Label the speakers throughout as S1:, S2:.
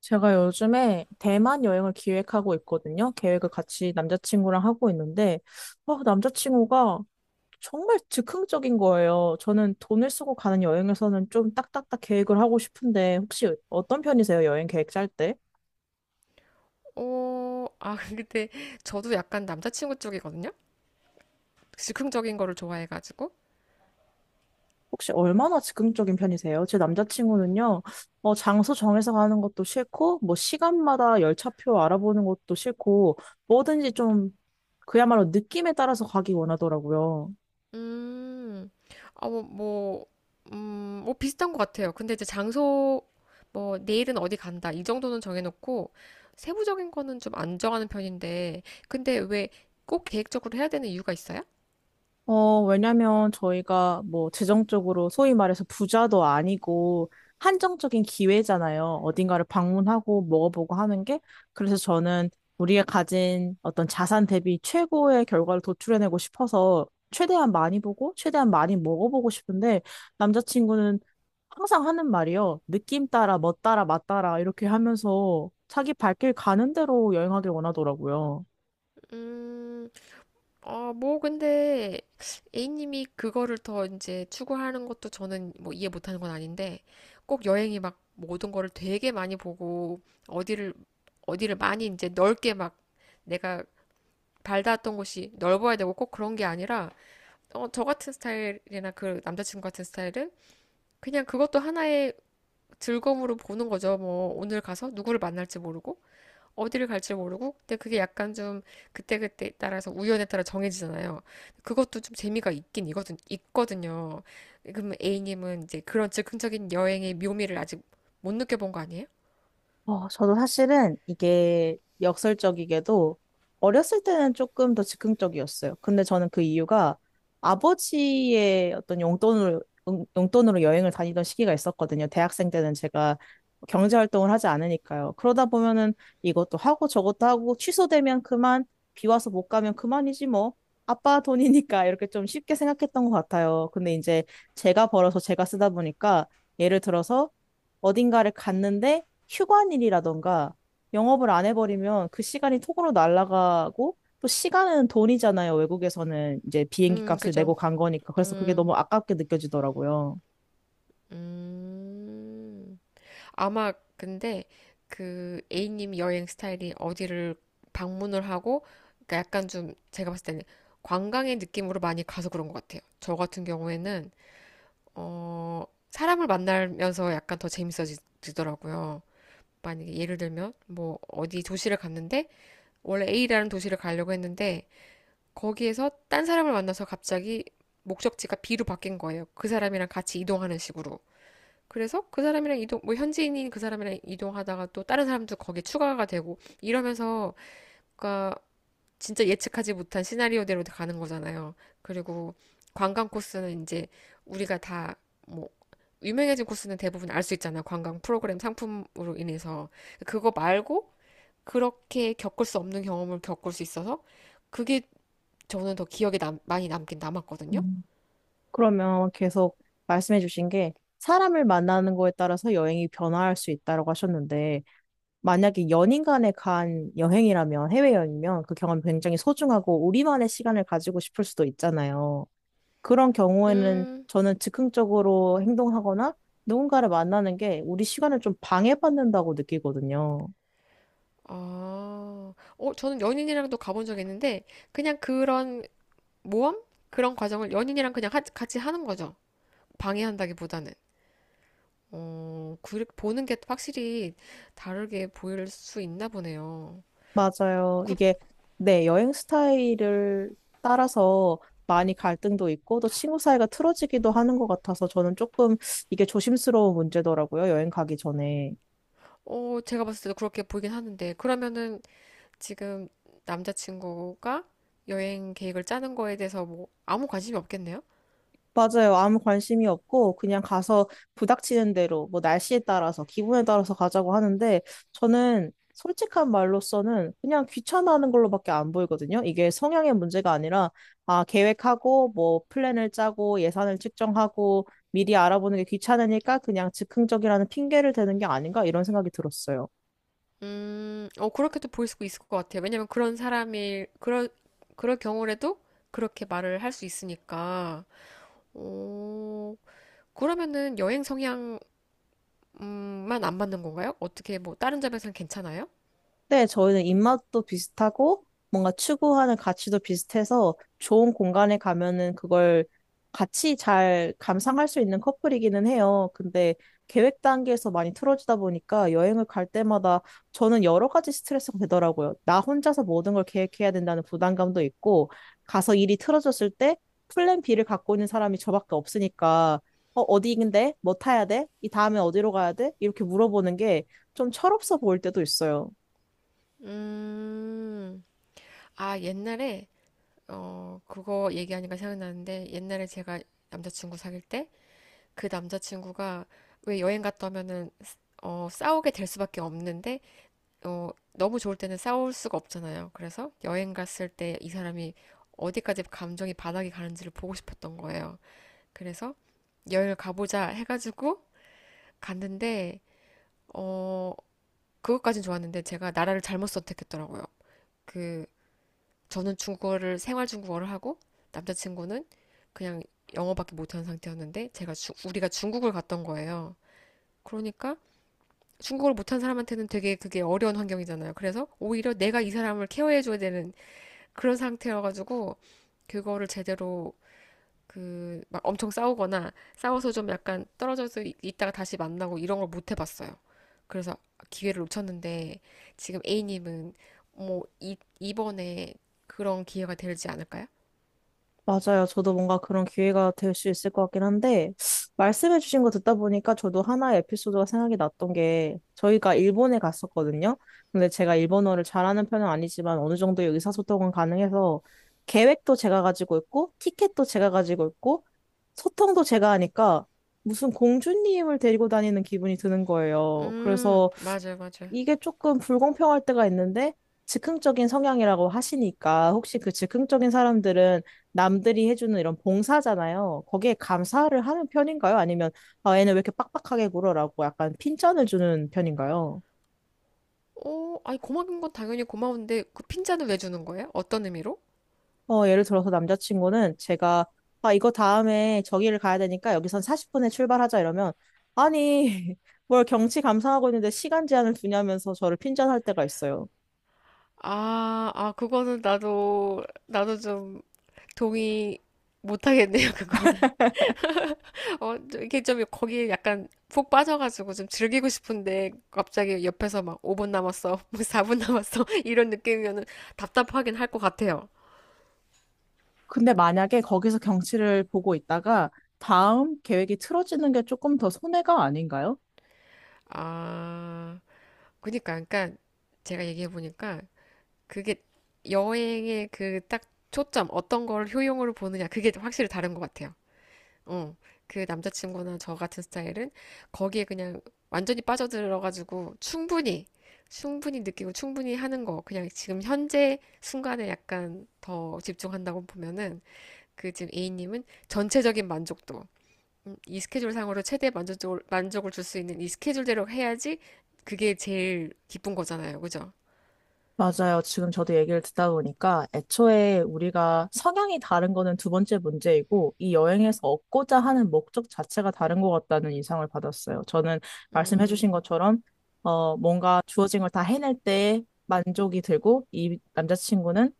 S1: 제가 요즘에 대만 여행을 기획하고 있거든요. 계획을 같이 남자친구랑 하고 있는데, 남자친구가 정말 즉흥적인 거예요. 저는 돈을 쓰고 가는 여행에서는 좀 딱딱딱 계획을 하고 싶은데, 혹시 어떤 편이세요? 여행 계획 짤 때?
S2: 근데 저도 약간 남자친구 쪽이거든요? 즉흥적인 거를 좋아해가지고.
S1: 혹시 얼마나 즉흥적인 편이세요? 제 남자친구는요, 장소 정해서 가는 것도 싫고, 뭐, 시간마다 열차표 알아보는 것도 싫고, 뭐든지 좀, 그야말로 느낌에 따라서 가기 원하더라고요.
S2: 음, 아, 뭐, 뭐, 뭐 비슷한 것 같아요. 근데 이제 장소, 뭐, 내일은 어디 간다. 이 정도는 정해놓고, 세부적인 거는 좀 안 정하는 편인데, 근데 왜 꼭 계획적으로 해야 되는 이유가 있어요?
S1: 왜냐면 저희가 뭐 재정적으로 소위 말해서 부자도 아니고 한정적인 기회잖아요. 어딘가를 방문하고 먹어보고 하는 게. 그래서 저는 우리가 가진 어떤 자산 대비 최고의 결과를 도출해내고 싶어서 최대한 많이 보고 최대한 많이 먹어보고 싶은데 남자친구는 항상 하는 말이요. 느낌 따라, 멋 따라, 맛 따라 이렇게 하면서 자기 발길 가는 대로 여행하길 원하더라고요.
S2: 음, 어, 뭐, 근데, A님이 그거를 더 이제 추구하는 것도 저는 뭐 이해 못하는 건 아닌데, 꼭 여행이 막 모든 거를 되게 많이 보고, 어디를, 어디를 많이 이제 넓게 막 내가 발닿았던 곳이 넓어야 되고 꼭 그런 게 아니라, 저 같은 스타일이나 그 남자친구 같은 스타일은 그냥 그것도 하나의 즐거움으로 보는 거죠. 뭐, 오늘 가서 누구를 만날지 모르고. 어디를 갈지 모르고 근데 그게 약간 좀 그때그때 따라서 우연에 따라 정해지잖아요. 그것도 좀 재미가 있거든요. 그럼 A님은 이제 그런 즉흥적인 여행의 묘미를 아직 못 느껴본 거 아니에요?
S1: 저도 사실은 이게 역설적이게도 어렸을 때는 조금 더 즉흥적이었어요. 근데 저는 그 이유가 아버지의 어떤 용돈을, 용돈으로 여행을 다니던 시기가 있었거든요. 대학생 때는 제가 경제활동을 하지 않으니까요. 그러다 보면은 이것도 하고 저것도 하고 취소되면 그만, 비 와서 못 가면 그만이지 뭐. 아빠 돈이니까 이렇게 좀 쉽게 생각했던 것 같아요. 근데 이제 제가 벌어서 제가 쓰다 보니까 예를 들어서 어딘가를 갔는데 휴관일이라던가 영업을 안 해버리면 그 시간이 톡으로 날아가고 또 시간은 돈이잖아요. 외국에서는 이제 비행기 값을
S2: 그죠.
S1: 내고 간 거니까. 그래서 그게 너무
S2: 음,
S1: 아깝게 느껴지더라고요.
S2: 음. 아마 근데 그 A님 여행 스타일이 어디를 방문을 하고 그러니까 약간 좀 제가 봤을 때는 관광의 느낌으로 많이 가서 그런 것 같아요. 저 같은 경우에는 어, 사람을 만나면서 약간 더 재밌어지더라고요. 만약에 예를 들면, 뭐, 어디 도시를 갔는데, 원래 A라는 도시를 가려고 했는데, 거기에서 딴 사람을 만나서 갑자기 목적지가 B로 바뀐 거예요. 그 사람이랑 같이 이동하는 식으로. 그래서 그 사람이랑 이동, 뭐, 현지인인 그 사람이랑 이동하다가 또 다른 사람도 거기에 추가가 되고, 이러면서, 그니까, 진짜 예측하지 못한 시나리오대로 가는 거잖아요. 그리고 관광 코스는 이제 우리가 다 뭐 유명해진 코스는 대부분 알 수 있잖아. 관광 프로그램 상품으로 인해서. 그거 말고 그렇게 겪을 수 없는 경험을 겪을 수 있어서 그게 저는 더 기억에 많이 남긴 남았거든요.
S1: 음. 그러면 계속 말씀해 주신 게 사람을 만나는 거에 따라서 여행이 변화할 수 있다고 하셨는데 만약에 연인 간에 간 여행이라면 해외여행이면 그 경험이 굉장히 소중하고 우리만의 시간을 가지고 싶을 수도 있잖아요. 그런 경우에는
S2: 음,
S1: 저는 즉흥적으로 행동하거나 누군가를 만나는 게 우리 시간을 좀 방해받는다고 느끼거든요.
S2: 저는 연인이랑도 가본 적 있는데 그냥 그런 모험? 그런 과정을 연인이랑 같이 하는 거죠. 방해한다기보다는. 보는 게 확실히 다르게 보일 수 있나 보네요.
S1: 맞아요.
S2: 그,
S1: 이게 네, 여행 스타일을 따라서 많이 갈등도 있고 또 친구 사이가 틀어지기도 하는 것 같아서 저는 조금 이게 조심스러운 문제더라고요. 여행 가기 전에.
S2: 제가 봤을 때도 그렇게 보이긴 하는데, 그러면은 지금 남자친구가 여행 계획을 짜는 거에 대해서 뭐, 아무 관심이 없겠네요?
S1: 맞아요. 아무 관심이 없고 그냥 가서 부닥치는 대로 뭐 날씨에 따라서 기분에 따라서 가자고 하는데 저는 솔직한 말로서는 그냥 귀찮아하는 걸로밖에 안 보이거든요. 이게 성향의 문제가 아니라 아 계획하고 뭐 플랜을 짜고 예산을 측정하고 미리 알아보는 게 귀찮으니까 그냥 즉흥적이라는 핑계를 대는 게 아닌가 이런 생각이 들었어요.
S2: 그렇게도 보일 수 있을 것 같아요. 왜냐면 그럴 경우라도 그렇게 말을 할 수 있으니까, 어, 그러면은 여행 성향, 음,만 안 맞는 건가요? 어떻게 뭐, 다른 점에서는 괜찮아요?
S1: 네, 저희는 입맛도 비슷하고 뭔가 추구하는 가치도 비슷해서 좋은 공간에 가면은 그걸 같이 잘 감상할 수 있는 커플이기는 해요. 근데 계획 단계에서 많이 틀어지다 보니까 여행을 갈 때마다 저는 여러 가지 스트레스가 되더라고요. 나 혼자서 모든 걸 계획해야 된다는 부담감도 있고 가서 일이 틀어졌을 때 플랜 B를 갖고 있는 사람이 저밖에 없으니까 어디인데? 뭐 타야 돼? 이 다음에 어디로 가야 돼? 이렇게 물어보는 게 좀 철없어 보일 때도 있어요.
S2: 음, 옛날에, 그거 얘기하니까 생각나는데, 옛날에 제가 남자친구 사귈 때, 그 남자친구가 왜 여행 갔다 오면은, 싸우게 될 수밖에 없는데, 너무 좋을 때는 싸울 수가 없잖아요. 그래서 여행 갔을 때 이 사람이 어디까지 감정이 바닥이 가는지를 보고 싶었던 거예요. 그래서 여행을 가보자 해가지고 갔는데, 어, 그것까진 좋았는데, 제가 나라를 잘못 선택했더라고요. 그, 저는 중국어를 생활 중국어를 하고 남자친구는 그냥 영어밖에 못하는 상태였는데 우리가 중국을 갔던 거예요. 그러니까 중국어를 못한 사람한테는 되게 그게 어려운 환경이잖아요. 그래서 오히려 내가 이 사람을 케어해줘야 되는 그런 상태여가지고 그거를 제대로 그 막 엄청 싸우거나 싸워서 좀 약간 떨어져서 있다가 다시 만나고 이런 걸 못 해봤어요. 그래서 기회를 놓쳤는데 지금 A님은 뭐 이번에 그런 기회가 되지 않을까요?
S1: 맞아요. 저도 뭔가 그런 기회가 될 수 있을 것 같긴 한데, 말씀해주신 거 듣다 보니까 저도 하나의 에피소드가 생각이 났던 게, 저희가 일본에 갔었거든요. 근데 제가 일본어를 잘하는 편은 아니지만 어느 정도의 의사소통은 가능해서, 계획도 제가 가지고 있고, 티켓도 제가 가지고 있고, 소통도 제가 하니까, 무슨 공주님을 데리고 다니는 기분이 드는 거예요. 그래서
S2: 맞아요, 맞아요.
S1: 이게 조금 불공평할 때가 있는데 즉흥적인 성향이라고 하시니까 혹시 그 즉흥적인 사람들은 남들이 해주는 이런 봉사잖아요. 거기에 감사를 하는 편인가요? 아니면 아, 얘는 왜 이렇게 빡빡하게 굴어라고 약간 핀잔을 주는 편인가요?
S2: 오, 아니, 고마운 건 당연히 고마운데, 그 핀잔을 왜 주는 거예요? 어떤 의미로?
S1: 예를 들어서 남자친구는 제가 아, 이거 다음에 저기를 가야 되니까 여기선 40분에 출발하자 이러면 아니 뭘 경치 감상하고 있는데 시간 제한을 두냐면서 저를 핀잔할 때가 있어요.
S2: 그거는 나도 좀 동의 못하겠네요, 그거는. 어, 좀 이렇게 좀 거기에 약간 푹 빠져가지고 좀 즐기고 싶은데, 갑자기 옆에서 막 5분 남았어, 뭐 4분 남았어, 이런 느낌이면은 답답하긴 할 것 같아요.
S1: 근데 만약에 거기서 경치를 보고 있다가 다음 계획이 틀어지는 게 조금 더 손해가 아닌가요?
S2: 아, 그니까, 제가 얘기해보니까, 그게 여행의 그 딱 초점, 어떤 걸 효용으로 보느냐, 그게 확실히 다른 것 같아요. 어, 그 남자친구나 저 같은 스타일은 거기에 그냥 완전히 빠져들어가지고 충분히 느끼고 충분히 하는 거, 그냥 지금 현재 순간에 약간 더 집중한다고 보면은 그 지금 A님은 전체적인 만족도, 이 스케줄상으로 최대 만족을 줄 수 있는 이 스케줄대로 해야지 그게 제일 기쁜 거잖아요. 그죠?
S1: 맞아요. 지금 저도 얘기를 듣다 보니까 애초에 우리가 성향이 다른 거는 두 번째 문제이고 이 여행에서 얻고자 하는 목적 자체가 다른 것 같다는 인상을 받았어요. 저는
S2: 음,
S1: 말씀해주신 것처럼 뭔가 주어진 걸 다 해낼 때 만족이 들고 이 남자친구는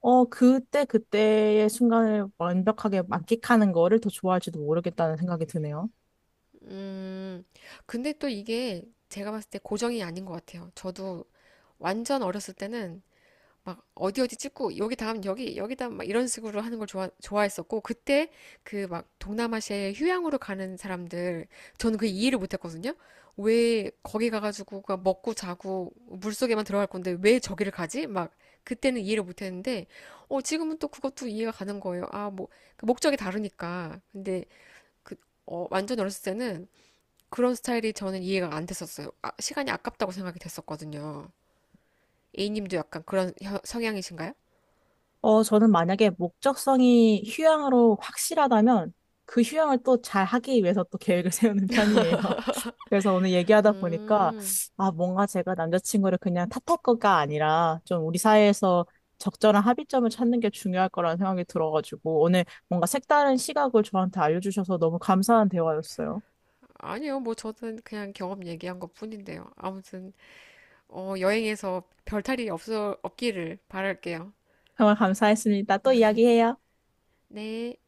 S1: 그때 그때의 순간을 완벽하게 만끽하는 거를 더 좋아할지도 모르겠다는 생각이 드네요.
S2: 음, 근데 또 이게 제가 봤을 때 고정이 아닌 것 같아요. 저도 완전 어렸을 때는 막 어디 어디 찍고 여기 다음 여기 여기 다음 막 이런 식으로 하는 걸 좋아했었고 그때 그 막 동남아시아에 휴양으로 가는 사람들 저는 그 이해를 못했거든요. 왜 거기 가가지고 그냥 먹고 자고 물속에만 들어갈 건데 왜 저기를 가지? 막 그때는 이해를 못했는데 어 지금은 또 그것도 이해가 가는 거예요. 아뭐 그 목적이 다르니까 근데 그 완전 어렸을 때는 그런 스타일이 저는 이해가 안 됐었어요. 아, 시간이 아깝다고 생각이 됐었거든요. A님도 약간 성향이신가요?
S1: 저는 만약에 목적성이 휴양으로 확실하다면 그 휴양을 또 잘 하기 위해서 또 계획을 세우는 편이에요. 그래서 오늘 얘기하다 보니까,
S2: 음,
S1: 아, 뭔가 제가 남자친구를 그냥 탓할 거가 아니라, 좀 우리 사이에서 적절한 합의점을 찾는 게 중요할 거라는 생각이 들어가지고, 오늘 뭔가 색다른 시각을 저한테 알려주셔서 너무 감사한 대화였어요.
S2: 아니요. 뭐 저는 그냥 경험 얘기한 것 뿐인데요. 아무튼, 여행에서 없기를 바랄게요.
S1: 정말 감사했습니다. 또 이야기해요.
S2: 네.